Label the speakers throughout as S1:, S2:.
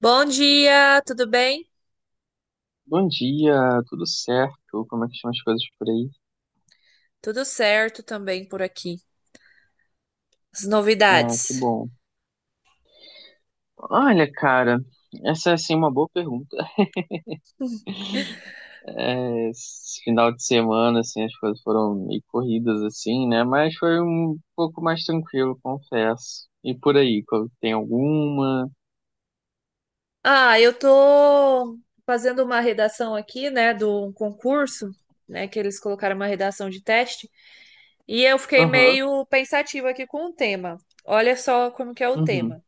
S1: Bom dia, tudo bem?
S2: Bom dia, tudo certo? Como é que estão as coisas por aí?
S1: Tudo certo também por aqui. As
S2: Ah, que
S1: novidades.
S2: bom. Olha, cara, essa é assim uma boa pergunta. Esse final de semana, assim, as coisas foram meio corridas, assim, né? Mas foi um pouco mais tranquilo, confesso. E por aí, tem alguma?
S1: Ah, eu tô fazendo uma redação aqui, né, do um concurso, né, que eles colocaram uma redação de teste, e eu fiquei
S2: Aham,
S1: meio pensativa aqui com o tema. Olha só como que é o
S2: uhum.
S1: tema.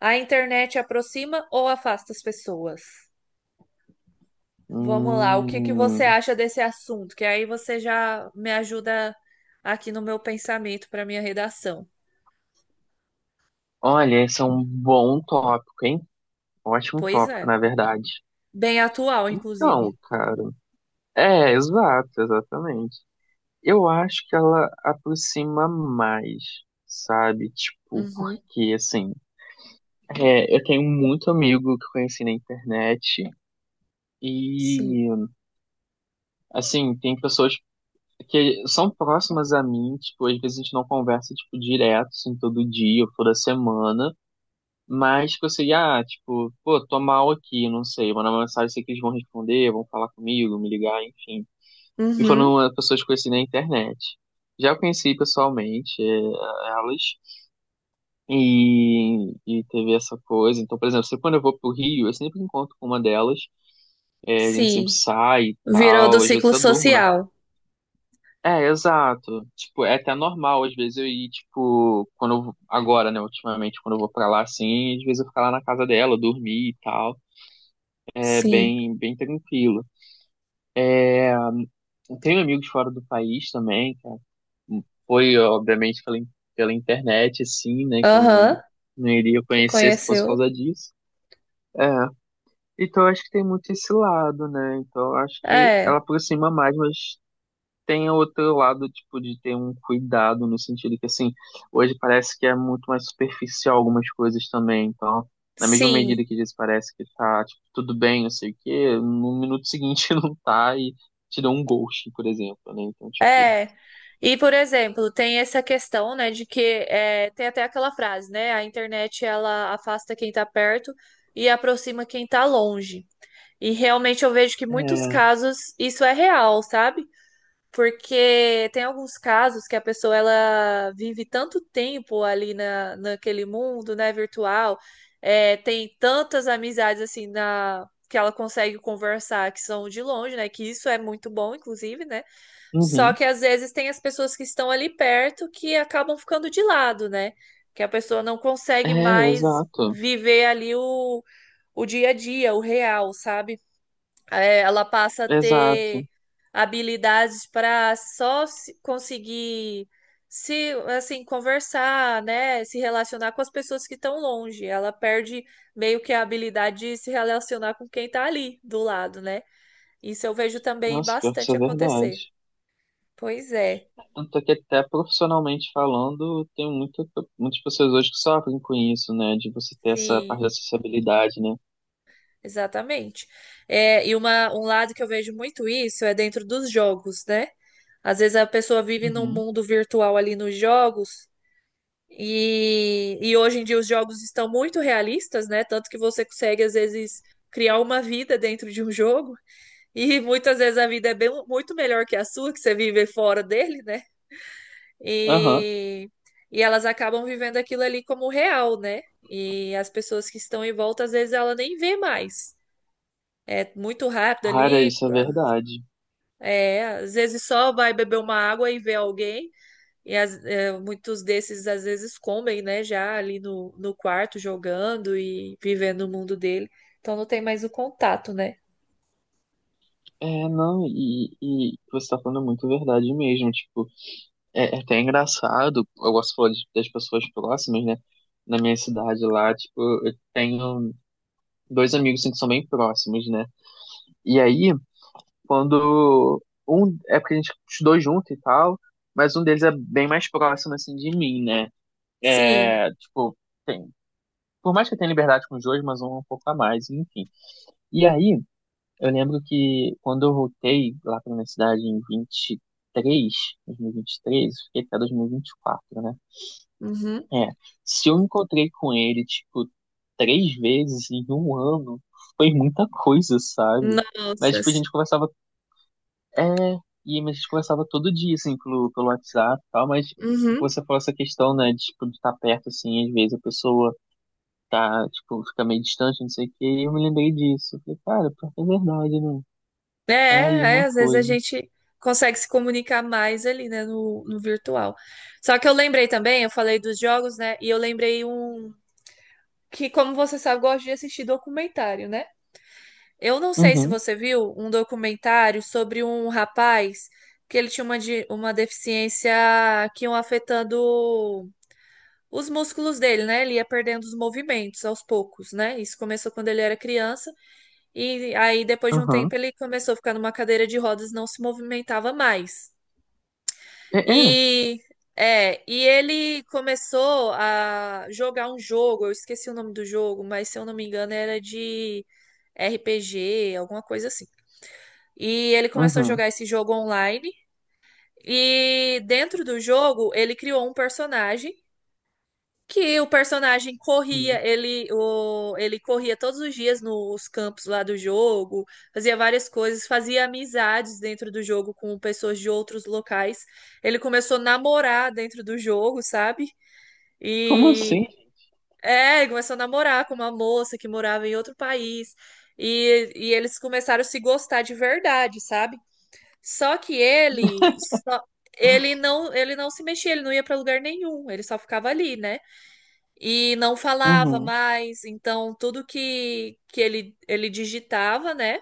S1: A internet aproxima ou afasta as pessoas? Vamos lá, o que que você
S2: Hum,
S1: acha desse assunto? Que aí você já me ajuda aqui no meu pensamento para minha redação.
S2: olha, esse é um bom tópico, hein? Ótimo
S1: Pois
S2: tópico,
S1: é.
S2: na verdade.
S1: Bem atual, inclusive.
S2: Então, cara. É, exato, exatamente. Eu acho que ela aproxima mais, sabe? Tipo,
S1: Uhum.
S2: porque, assim, eu tenho muito amigo que conheci na internet
S1: Sim.
S2: e, assim, tem pessoas que são próximas a mim, tipo, às vezes a gente não conversa, tipo, direto, assim, todo dia ou toda semana, mas que eu sei, ah, tipo, pô, tô mal aqui, não sei, mandar uma mensagem, sei que eles vão responder, vão falar comigo, me ligar, enfim. E
S1: Uhum.
S2: foram pessoas que eu conheci na internet. Já conheci pessoalmente elas, E, e teve essa coisa. Então, por exemplo, sempre quando eu vou pro Rio, eu sempre encontro com uma delas. É, a gente sempre
S1: Sim.
S2: sai e
S1: Virou do
S2: tal. Às vezes
S1: ciclo
S2: eu durmo, né?
S1: social.
S2: É, exato. Tipo, é até normal, às vezes eu ir, tipo, quando eu, agora, né, ultimamente, quando eu vou pra lá, assim, às vezes eu ficar lá na casa dela, dormir e tal. É
S1: Sim.
S2: bem, bem tranquilo. Eu tenho amigos fora do país também, cara. Foi, obviamente, pela, pela internet, assim, né, que eu não,
S1: Aham.
S2: não iria
S1: Que
S2: conhecer se fosse por
S1: conheceu.
S2: causa disso. É, então, eu acho que tem muito esse lado, né? Então, eu acho que ela
S1: É.
S2: aproxima mais, mas tem outro lado, tipo, de ter um cuidado no sentido que, assim, hoje parece que é muito mais superficial algumas coisas também. Então, na mesma medida
S1: Sim.
S2: que às vezes parece que tá, tipo, tudo bem, não sei o quê, no minuto seguinte não tá e te dá um ghost, por exemplo, né? Então, tipo,
S1: É. E, por exemplo, tem essa questão, né, de que tem até aquela frase, né? A internet ela afasta quem tá perto e aproxima quem tá longe. E realmente eu vejo que muitos
S2: é,
S1: casos isso é real, sabe? Porque tem alguns casos que a pessoa ela vive tanto tempo ali naquele mundo, né, virtual, tem tantas amizades assim na que ela consegue conversar que são de longe, né? Que isso é muito bom, inclusive, né? Só
S2: uhum,
S1: que às vezes tem as pessoas que estão ali perto que acabam ficando de lado, né? Que a pessoa não consegue
S2: é,
S1: mais
S2: exato,
S1: viver ali o dia a dia, o real, sabe? Ela passa a
S2: exato.
S1: ter habilidades para só se- conseguir se assim conversar, né, se relacionar com as pessoas que estão longe. Ela perde meio que a habilidade de se relacionar com quem tá ali do lado, né? Isso eu vejo também
S2: Nossa, pior que isso
S1: bastante
S2: é verdade.
S1: acontecer. Pois é,
S2: Tanto é que até profissionalmente falando, tem muita, muitas pessoas hoje que sofrem com isso, né? De você ter essa parte
S1: sim,
S2: da acessibilidade, né?
S1: exatamente. É, e um lado que eu vejo muito isso é dentro dos jogos, né? Às vezes a pessoa vive num
S2: Uhum.
S1: mundo virtual ali nos jogos. E hoje em dia os jogos estão muito realistas, né? Tanto que você consegue, às vezes, criar uma vida dentro de um jogo. E muitas vezes a vida é bem, muito melhor que a sua, que você vive fora dele, né?
S2: Aham.
S1: E, e elas acabam vivendo aquilo ali como real, né? E as pessoas que estão em volta, às vezes, ela nem vê mais. É muito rápido
S2: Cara,
S1: ali.
S2: isso é verdade.
S1: É, às vezes só vai beber uma água e vê alguém. E muitos desses às vezes comem, né, já ali no quarto jogando e vivendo o mundo dele. Então não tem mais o contato, né?
S2: É, não, e você tá falando muito verdade mesmo. Tipo, é, é até engraçado, eu gosto de falar das pessoas próximas, né? Na minha cidade lá, tipo, eu tenho dois amigos assim, que são bem próximos, né? E aí. Quando um. É porque a gente estudou junto e tal, mas um deles é bem mais próximo, assim, de mim, né?
S1: Sim.
S2: É, tipo, tem. Por mais que eu tenha liberdade com os dois, mas um é um pouco a mais, enfim. E aí, eu lembro que quando eu voltei lá pra universidade em 23, 2023, fiquei até 2024, né?
S1: Uhum.
S2: É, se eu encontrei com ele, tipo, três vezes em um ano, foi muita coisa, sabe? Mas,
S1: Nossa,
S2: tipo, a
S1: sim.
S2: gente conversava é, e mas a gente conversava todo dia, assim, pelo, pelo WhatsApp e tal, mas
S1: Uhum.
S2: você falou essa questão, né, de, tipo, de estar perto, assim, às vezes a pessoa tá, tipo, fica meio distante, não sei o quê, e eu me lembrei disso. Eu falei, cara, pior que é verdade, né?
S1: É,
S2: Tá aí
S1: é,
S2: uma
S1: às vezes a
S2: coisa.
S1: gente consegue se comunicar mais ali, né, no virtual. Só que eu lembrei também, eu falei dos jogos, né, e eu lembrei um que, como você sabe, eu gosto de assistir documentário, né? Eu não sei se
S2: Uhum,
S1: você viu um documentário sobre um rapaz que ele tinha uma deficiência que iam afetando os músculos dele, né? Ele ia perdendo os movimentos aos poucos, né? Isso começou quando ele era criança e aí depois de um
S2: aham.
S1: tempo ele começou a ficar numa cadeira de rodas, e não se movimentava mais.
S2: É, é,
S1: E e ele começou a jogar um jogo, eu esqueci o nome do jogo, mas se eu não me engano era de RPG, alguma coisa assim. E ele começou a
S2: uhum.
S1: jogar esse jogo online. E dentro do jogo, ele criou um personagem que o personagem corria,
S2: Sim.
S1: ele corria todos os dias nos campos lá do jogo, fazia várias coisas, fazia amizades dentro do jogo com pessoas de outros locais. Ele começou a namorar dentro do jogo, sabe?
S2: Como
S1: E
S2: assim?
S1: é, ele começou a namorar com uma moça que morava em outro país. E eles começaram a se gostar de verdade, sabe? Só que ele não se mexia, ele não ia para lugar nenhum, ele só ficava ali, né? E não falava
S2: Uhum.
S1: mais, então tudo que ele digitava, né?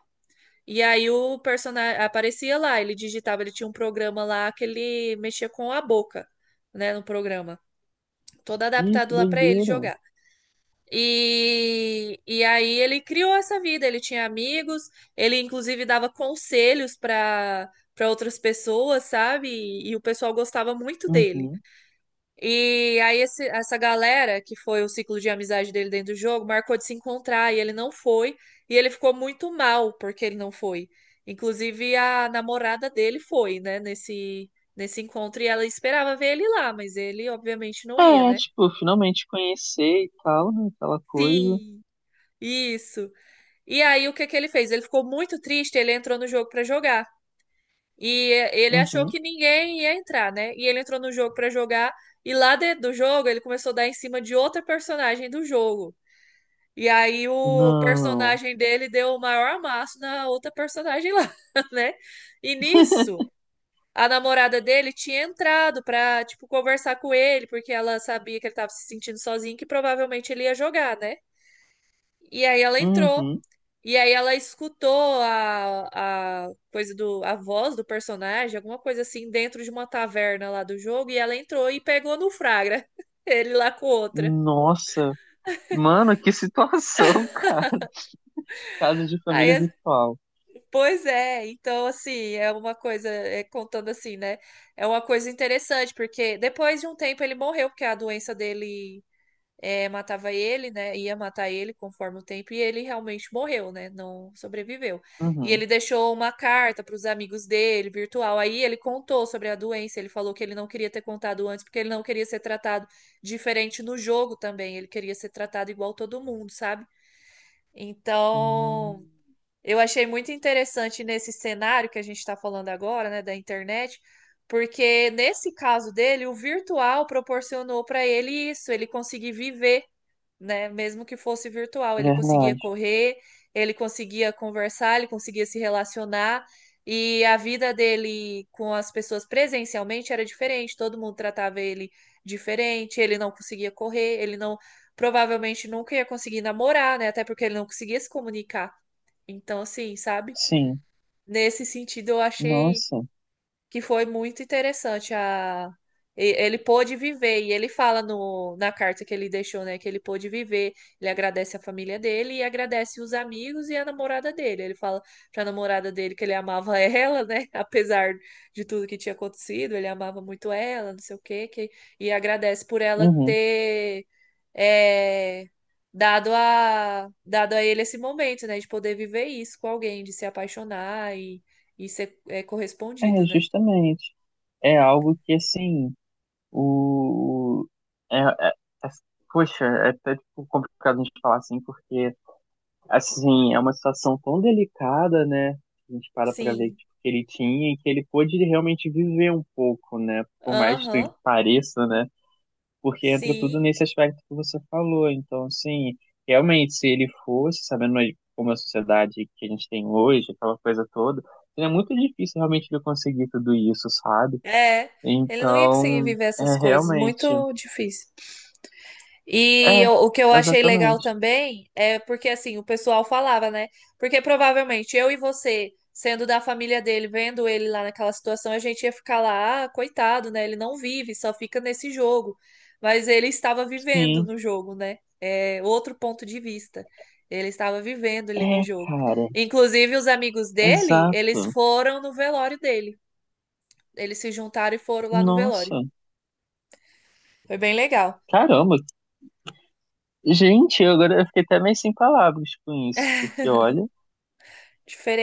S1: E aí o personagem aparecia lá, ele digitava, ele tinha um programa lá que ele mexia com a boca, né, no programa, todo
S2: Ih, que
S1: adaptado lá para ele
S2: doideira.
S1: jogar. E aí ele criou essa vida, ele tinha amigos, ele inclusive dava conselhos para outras pessoas, sabe? E o pessoal gostava muito dele.
S2: Uhum.
S1: E aí essa galera, que foi o ciclo de amizade dele dentro do jogo, marcou de se encontrar e ele não foi, e ele ficou muito mal porque ele não foi. Inclusive a namorada dele foi, né, nesse encontro e ela esperava ver ele lá, mas ele obviamente não ia,
S2: É,
S1: né?
S2: tipo, finalmente conhecer e tal, né, aquela coisa.
S1: Sim, isso. E aí, o que que ele fez? Ele ficou muito triste, ele entrou no jogo pra jogar. E ele achou
S2: Uhum.
S1: que ninguém ia entrar, né? E ele entrou no jogo pra jogar. E lá dentro do jogo, ele começou a dar em cima de outra personagem do jogo. E aí, o
S2: Não.
S1: personagem dele deu o maior amasso na outra personagem lá, né? E nisso, a namorada dele tinha entrado pra, tipo, conversar com ele, porque ela sabia que ele tava se sentindo sozinho, e que provavelmente ele ia jogar, né? E aí, ela entrou.
S2: Uhum.
S1: E aí ela escutou a coisa do a voz do personagem, alguma coisa assim, dentro de uma taverna lá do jogo, e ela entrou e pegou no Fragra, ele lá com outra.
S2: Nossa. Mano, que situação, cara. Casa de família
S1: Aí,
S2: virtual.
S1: pois é, então assim, é uma coisa, contando assim, né? É uma coisa interessante, porque depois de um tempo ele morreu, porque a doença dele matava ele, né? Ia matar ele conforme o tempo, e ele realmente morreu, né? Não sobreviveu. E
S2: Uhum.
S1: ele deixou uma carta para os amigos dele, virtual. Aí ele contou sobre a doença, ele falou que ele não queria ter contado antes, porque ele não queria ser tratado diferente no jogo também. Ele queria ser tratado igual todo mundo, sabe? Então,
S2: Hum,
S1: eu achei muito interessante nesse cenário que a gente está falando agora, né, da internet, porque nesse caso dele, o virtual proporcionou para ele isso, ele conseguir viver, né? Mesmo que fosse virtual, ele conseguia
S2: verdade.
S1: correr, ele conseguia conversar, ele conseguia se relacionar. E a vida dele com as pessoas presencialmente era diferente, todo mundo tratava ele diferente, ele não conseguia correr, ele não provavelmente nunca ia conseguir namorar, né? Até porque ele não conseguia se comunicar. Então, assim, sabe?
S2: Sim.
S1: Nesse sentido, eu achei
S2: Nossa.
S1: que foi muito interessante ele pôde viver e ele fala no, na carta que ele deixou, né, que ele pôde viver. Ele agradece a família dele e agradece os amigos e a namorada dele. Ele fala pra namorada dele que ele amava ela, né, apesar de tudo que tinha acontecido, ele amava muito ela, não sei o quê, que, e agradece por ela
S2: Uhum.
S1: ter é, dado a ele esse momento, né, de poder viver isso com alguém, de se apaixonar e ser correspondido,
S2: É,
S1: né?
S2: justamente. É algo que, assim, o... É, é- é- poxa, é até tipo, complicado a gente falar assim, porque, assim, é uma situação tão delicada, né? A gente para pra ver
S1: Sim.
S2: tipo, que ele tinha e que ele pôde realmente viver um pouco, né? Por mais que
S1: Aham.
S2: pareça, né? Porque entra tudo
S1: Sim.
S2: nesse aspecto que você falou. Então, assim, realmente, se ele fosse, sabendo aí como é a sociedade que a gente tem hoje, aquela coisa toda, é muito difícil realmente ele conseguir tudo isso, sabe?
S1: É. Ele não ia conseguir
S2: Então,
S1: viver
S2: é
S1: essas coisas.
S2: realmente.
S1: Muito difícil. E
S2: É,
S1: eu- o que eu achei legal
S2: exatamente.
S1: também é porque assim, o pessoal falava, né? Porque provavelmente eu e você, sendo da família dele, vendo ele lá naquela situação, a gente ia ficar lá, ah, coitado, né? Ele não vive, só fica nesse jogo. Mas ele estava vivendo
S2: Sim.
S1: no jogo, né? É outro ponto de vista. Ele estava vivendo ali no
S2: É,
S1: jogo.
S2: cara.
S1: Inclusive, os amigos dele, eles
S2: Exato.
S1: foram no velório dele. Eles se juntaram e foram lá no velório.
S2: Nossa.
S1: Foi bem legal.
S2: Caramba. Gente, eu agora eu fiquei até meio sem palavras com isso, porque olha,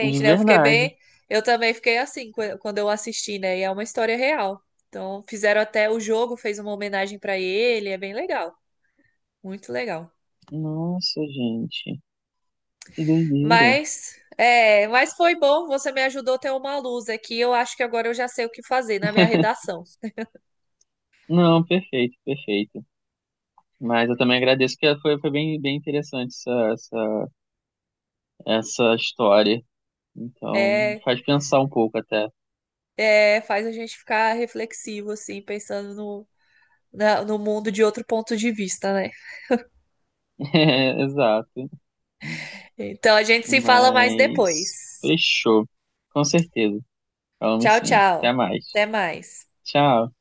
S2: de
S1: né? Eu fiquei
S2: verdade.
S1: bem. Eu também fiquei assim quando eu assisti, né? E é uma história real. Então, fizeram até o jogo, fez uma homenagem pra ele, é bem legal, muito legal.
S2: Nossa, gente. Que doideira.
S1: Mas, foi bom, você me ajudou a ter uma luz aqui. Eu acho que agora eu já sei o que fazer na minha redação.
S2: Não, perfeito, perfeito. Mas eu também agradeço que foi, foi bem, bem interessante essa, essa, essa história. Então,
S1: É,
S2: faz pensar um pouco até.
S1: é, faz a gente ficar reflexivo, assim, pensando no, no mundo de outro ponto de vista, né?
S2: É, exato.
S1: Então, a gente se fala mais
S2: Mas
S1: depois.
S2: fechou. Com certeza. Falamos
S1: Tchau,
S2: sim. Até
S1: tchau.
S2: mais.
S1: Até mais.
S2: Tchau.